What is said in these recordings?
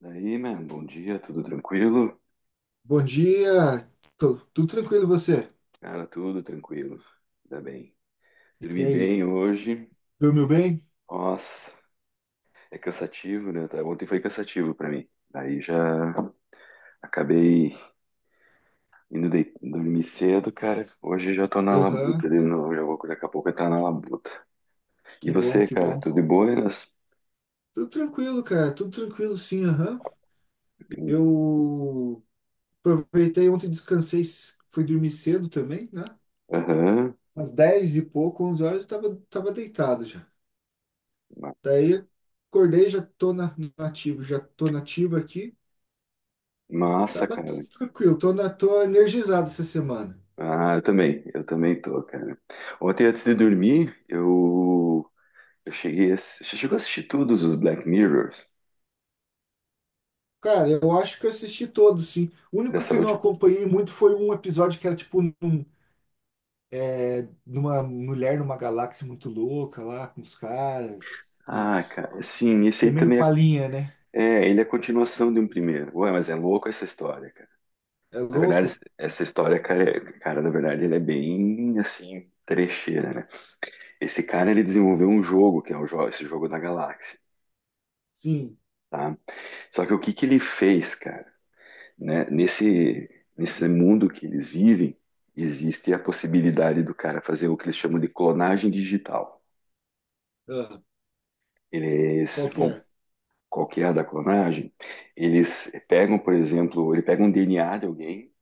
Daí, man, bom dia, tudo tranquilo? Bom dia, tudo tranquilo e você? Cara, tudo tranquilo, ainda bem. E Dormi aí, bem hoje, dormiu bem? nossa, é cansativo, né? Tá, ontem foi cansativo pra mim. Daí já acabei indo dormir cedo, cara. Hoje já tô na Aham, labuta de novo, já vou daqui a pouco tá na labuta. E que bom, você, que cara, bom. tudo de buenas? Tudo tranquilo, cara, tudo tranquilo sim, aham. Eu aproveitei ontem, descansei, fui dormir cedo também, né? Aham, Umas 10 e pouco, 11 horas, eu tava, deitado já. massa, Daí acordei, já tô no ativo, já tô nativo aqui. Tá, massa, cara. tudo tranquilo, tô energizado essa semana. Ah, eu também tô, cara. Ontem antes de dormir, eu cheguei a... Você chegou a assistir todos os Black Mirrors Cara, eu acho que eu assisti todos, sim. O único dessa que eu não última? acompanhei muito foi um episódio que era tipo um. Numa mulher numa galáxia muito louca lá, com os caras, com Ah, os... cara, sim, esse É aí meio também é, palhinha, né? é, ele é a continuação de um primeiro. Ué, mas é louco essa história, cara. É Na verdade, louco? Essa história, cara, cara, na verdade, ele é bem, assim, trecheira, né? Esse cara, ele desenvolveu um jogo, que é esse jogo da galáxia, Sim. tá? Só que o que que ele fez, cara, né? Nesse mundo que eles vivem, existe a possibilidade do cara fazer o que eles chamam de clonagem digital. Ah, Eles qual que vão é? qualquer da clonagem, eles pegam, por exemplo, ele pega um DNA de alguém,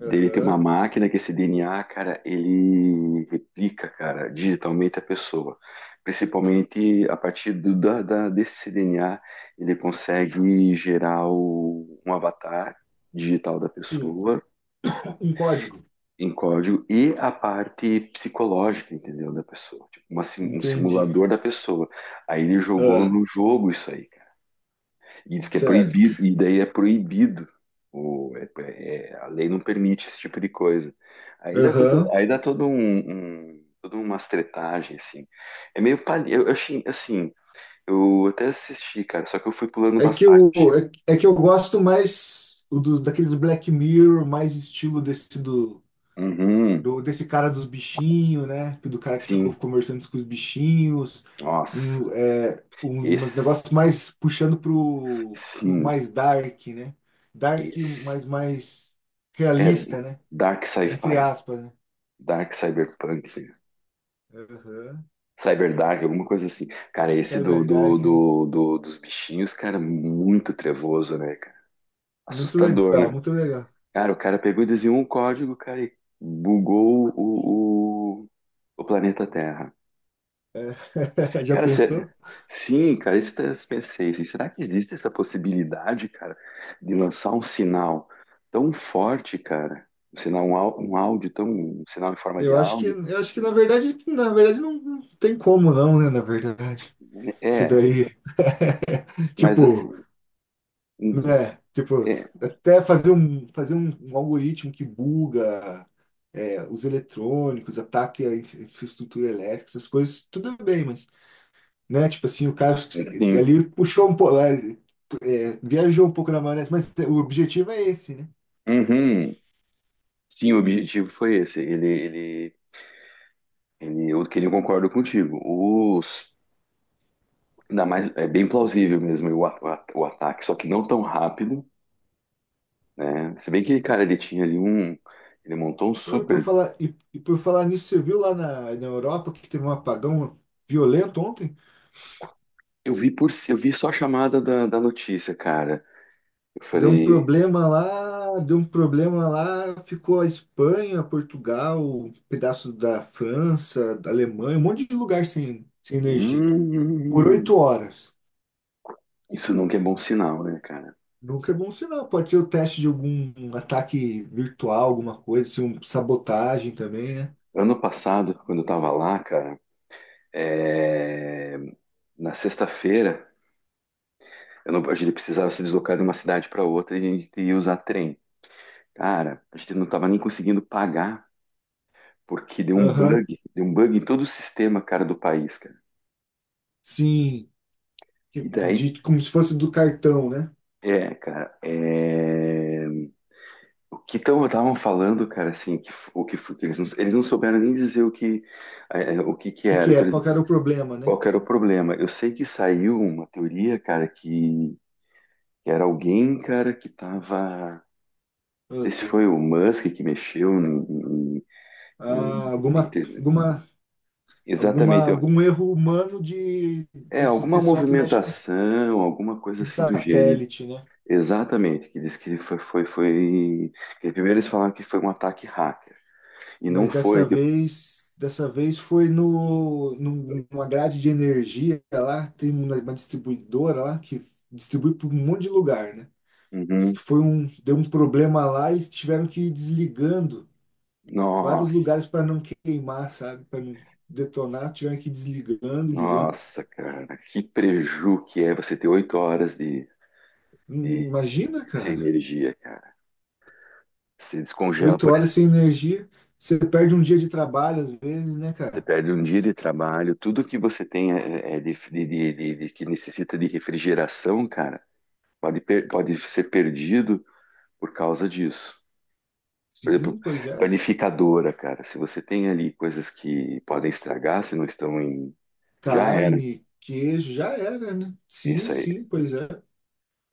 dele tem uma Aham. máquina que esse DNA, cara, ele replica, cara, digitalmente a pessoa. Principalmente a partir desse DNA, ele consegue gerar um avatar digital da Sim. pessoa Um código. em código e a parte psicológica, entendeu, da pessoa, tipo um Entendi. simulador da pessoa. Aí ele jogou Ah, no jogo isso aí. E diz que é certo. proibido, e daí é proibido. O, é- é- é, A lei não permite esse tipo de coisa. Aí dá todo, Aham. aí dá todo toda uma tretagem, assim. É meio palha. Eu achei, assim, eu até assisti, cara, só que eu fui pulando É umas que eu, partes. é que eu gosto mais daqueles Black Mirror, mais estilo desse Uhum, desse cara dos bichinhos, né? Que Do cara que ficou sim. conversando com os bichinhos, e Nossa, umas esse, negócios mais puxando pro, sim, mais dark, né? Dark, esse. mas mais É, realista, né? dark Entre sci-fi, aspas, né? dark cyberpunk, Aham. cyberdark, alguma coisa assim. Cara, esse Cyber dark, né? Dos bichinhos, cara, muito trevoso, né, cara? Muito Assustador, legal, né? muito legal. Cara, o cara pegou e desenhou um código, cara, e bugou o planeta Terra. Já Cara, pensou? sim, cara, isso tá, eu pensei, assim, será que existe essa possibilidade, cara, de lançar um sinal tão forte, cara? Um sinal, um áudio tão, um sinal em forma de áudio? Eu acho que na verdade, não, não tem como não, né? Na verdade, isso É, daí, mas tipo assim, né? Tipo, é, até fazer um, algoritmo que buga, os eletrônicos, ataque a infraestrutura elétrica, essas coisas, tudo bem, mas, né? Tipo assim, o cara enfim. ali puxou um pouco, viajou um pouco na maionese, mas o objetivo é esse, né? Uhum. Sim, o objetivo foi esse. Ele, eu, que ele concordo contigo. Os, ainda mais, é bem plausível mesmo o ataque, só que não tão rápido, né? Se bem que, cara, ele tinha ali um, ele montou um Oi. Super. Por falar nisso, você viu lá na Europa que teve um apagão violento ontem? Eu vi só a chamada da, da notícia, cara. Eu Deu um falei, problema lá, deu um problema lá, ficou a Espanha, Portugal, um pedaço da França, da Alemanha, um monte de lugar sem energia. Por hum, oito horas. isso nunca é bom sinal, né, cara? Nunca é bom sinal. Pode ser o teste de algum ataque virtual, alguma coisa, se um sabotagem também, né? Ano passado, quando eu tava lá, cara, é, na sexta-feira, eu não- a gente precisava se deslocar de uma cidade para outra e usar trem. Cara, a gente não tava nem conseguindo pagar, porque Aham, deu um bug em todo o sistema, cara, do país, cara. sim. E daí, Como se fosse do cartão, né? O é, cara, é... o que estavam falando, cara, assim, o que, que eles não souberam nem dizer o que, o que que que era, que é? então eles, Qual que era o problema, né? qual que era o problema. Eu sei que saiu uma teoria, cara, que era alguém, cara, que tava, não sei se Ah, foi o Musk que mexeu em- em- ah, em- alguma, ter- alguma, exatamente, algum erro humano é, desse alguma pessoal que mexe movimentação, alguma coisa em assim do gênero. satélite, né? Exatamente, que diz que foi. Que primeiro eles falaram que foi um ataque hacker. E não Mas foi. dessa vez, foi no, num- numa grade de energia lá, tem uma distribuidora lá que distribui para um monte de lugar, né? Diz que Uhum. Deu um problema lá, e eles tiveram que ir desligando vários Nossa, lugares para não queimar, sabe? Para não detonar, tiveram que ir desligando, ligando. nossa, cara, que preju que é você ter 8 horas de- Imagina, sem cara, energia, cara. Você descongela, oito por horas exemplo, sem energia, você perde um dia de trabalho às vezes, né, você cara? perde um dia de trabalho, tudo que você tem que necessita de refrigeração, cara, pode ser perdido por causa disso. Por exemplo, Sim, pois é. panificadora, cara. Se você tem ali coisas que podem estragar, se não estão em. Já era. Carne, queijo, já era, né? É Sim, isso aí. sim, pois é.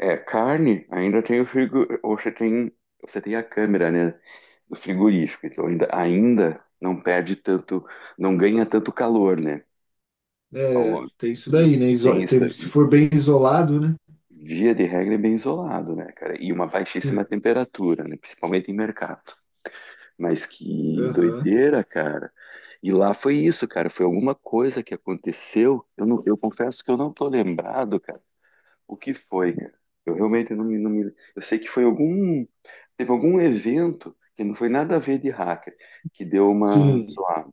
É, carne, ainda tem o frigo. Ou você tem a câmera, né? Do frigorífico. Então ainda não perde tanto. Não ganha tanto calor, né? Ao É, longo. tem isso daí, né? Tem isso Se aí. for bem isolado, né? Via de regra é bem isolado, né, cara? E uma baixíssima Sim, temperatura, né? Principalmente em mercado. Mas que aham. doideira, cara. E lá foi isso, cara. Foi alguma coisa que aconteceu. Eu, não, eu confesso que eu não tô lembrado, cara. O que foi, cara? Eu realmente não me, não me. Eu sei que foi algum. Teve algum evento que não foi nada a ver de hacker, que deu uma Sim. zoada.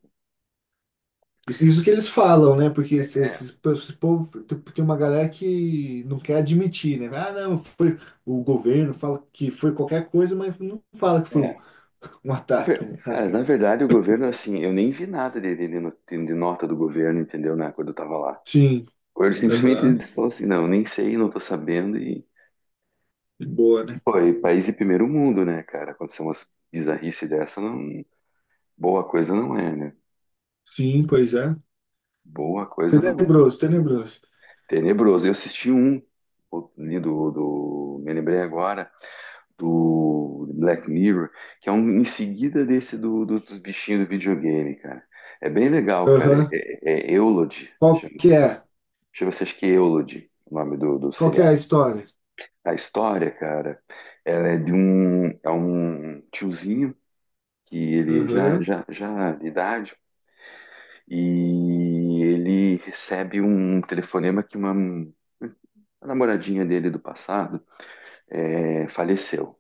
Isso que eles falam, né? Porque É, esse povo, tem uma galera que não quer admitir, né? Ah, não, foi o governo fala que foi qualquer coisa, mas não fala que foi é. Um ataque, né? Cara, na Hacker. verdade, o governo, assim, eu nem vi nada de, de no- de nota do governo, entendeu, né, quando eu tava lá. Sim, Ou ele simplesmente aham. falou assim: não, nem sei, não tô sabendo, e Boa, E, né? pô, e país de primeiro mundo, né, cara? Acontecer umas bizarrice dessa, não... boa coisa não é, né? Sim, pois é. Boa coisa não é. Tenebroso, tenebroso. Tenebroso. Eu assisti um, ali me lembrei agora, do Black Mirror, que é um em seguida desse dos bichinhos do videogame, cara. É bem legal, cara. Aham. É, Eulogy, Qual que chama-se. é? Chama-se, acho que Eulogy, o nome do Qual que é seriado. a história? A história, cara, ela é de um, é um tiozinho que ele já, Aham, já, já de idade, e ele recebe um telefonema que uma, a namoradinha dele do passado faleceu.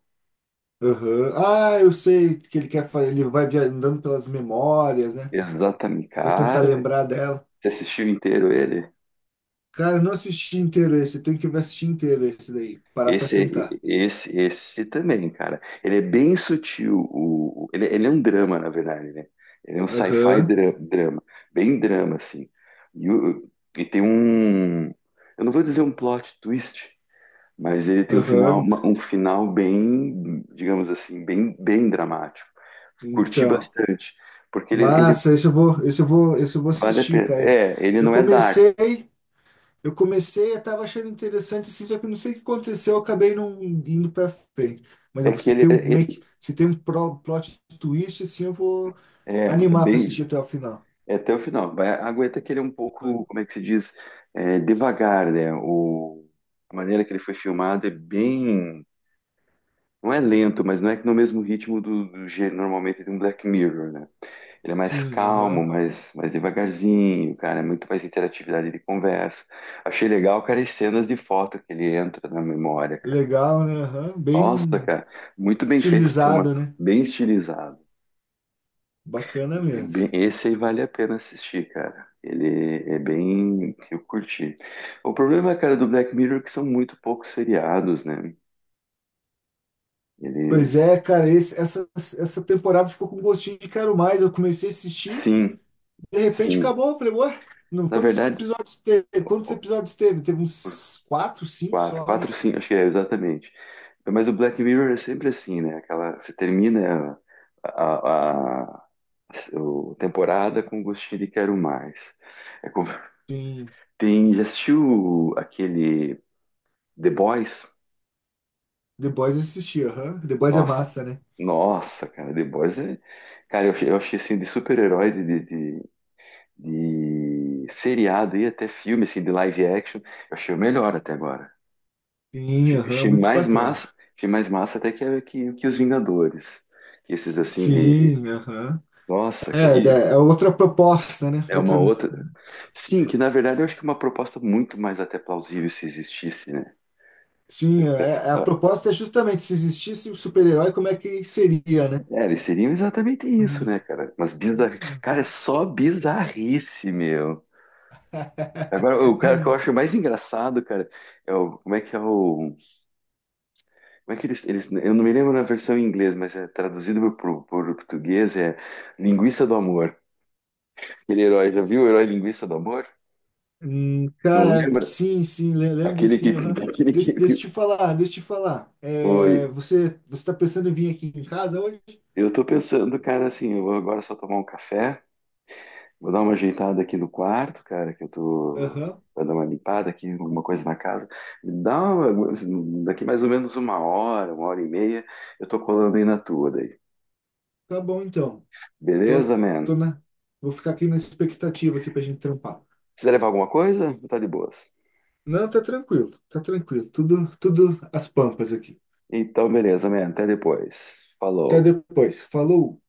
aham. Ah, eu sei que ele quer fazer, ele vai andando pelas memórias, né? Exatamente, Vai tentar cara. lembrar dela. Você assistiu inteiro ele? Cara, eu não assisti inteiro esse, eu tenho que ver assistir inteiro esse daí, parar pra Esse, sentar. esse, esse também, cara. Ele é bem sutil. Ele é um drama, na verdade, né? Ele é um sci-fi Aham, drama, bem drama, assim. E, o- e tem um, eu não vou dizer um plot twist, mas ele tem um final, aham. Um final bem, digamos assim, bem, bem dramático. Curti Então, bastante, porque ele massa, esse eu vou vale a assistir, pena. cara. É, ele Eu não é dark, comecei, eu comecei, eu tava achando interessante assim, só que eu não sei o que aconteceu, eu acabei não indo pra frente. Mas é eu, que se ele, tem um, ele- make se tem um plot twist, assim, eu vou é é animar pra bem assistir até o final. é até o final. Vai, aguenta que ele é um pouco, como é que se diz, é, devagar, né? O, a maneira que ele foi filmado é bem não é lento, mas não é que no mesmo ritmo normalmente de um Black Mirror, né? Ele é mais Sim, calmo, aham. mais devagarzinho, cara, é muito mais interatividade de conversa. Achei legal, cara, as cenas de foto que ele entra na memória, cara. Legal, né? Aham. Nossa, Bem cara, muito bem feito esse filme, utilizado, né? bem estilizado. Bacana E mesmo. bem- esse aí vale a pena assistir, cara. Ele é bem, eu curti. O problema, cara, do Black Mirror é que são muito poucos seriados, né? Pois Eles, é, cara, essa temporada ficou com gostinho de quero mais. Eu comecei a assistir, sim, de repente sim. acabou. Eu falei, ué, não, Na quantos verdade, episódios teve? Quantos episódios teve? Teve uns quatro, cinco quatro, só, né? quatro, cinco, acho que é, exatamente. Mas o Black Mirror é sempre assim, né? Aquela, você termina a, a temporada com gostinho de quero mais. É como- Sim, tem, já assistiu aquele The Boys? The Boys eu assisti, aham. The Boys é Nossa, massa, né? nossa, cara, The Boys é... Cara, eu achei assim de super-herói, de seriado e até filme, assim, de live action, eu achei o melhor até agora. Sim, Achei aham, achei muito mais bacana. massa, achei mais massa até que os Vingadores. Esses assim de. Sim, aham. Nossa, É, cara, e É outra proposta, né? é uma Outra. outra. Sim, que na verdade eu acho que é uma proposta muito mais até plausível se existisse, né? Eu Sim, fica- a ah, proposta é justamente se existisse o super-herói, como é que seria, né? é, eles seriam exatamente No isso, mundo. né, cara? Mas bizarro. Ih, Cara, é aham. só bizarrice, meu. Agora, o cara que eu acho mais engraçado, cara, é o. Como é que é o. Como é que eles. Eles eu não me lembro na versão em inglês, mas é traduzido para o português, é Linguiça do Amor. Aquele herói, já viu o herói linguiça do amor? Não Cara, lembra? sim, sim, lembro Aquele que, sim. Aham. aquele Deixa que... eu te falar, deixa eu te falar. É, Oi. Você tá pensando em vir aqui em casa hoje? Eu tô pensando, cara, assim, eu vou agora só tomar um café, vou dar uma ajeitada aqui no quarto, cara, que eu tô... Aham, Vai dar uma limpada aqui, alguma coisa na casa. Dá uma... Daqui mais ou menos uma hora e meia, eu tô colando aí na tua daí. tá bom então. Tô, Beleza, man? tô na, Vou ficar aqui na expectativa aqui pra gente trampar. Precisa levar alguma coisa? Tá de boas. Não, tá tranquilo, tá tranquilo. Tudo, tudo às pampas aqui. Então, beleza, man. Até depois. Até Falou. depois. Falou!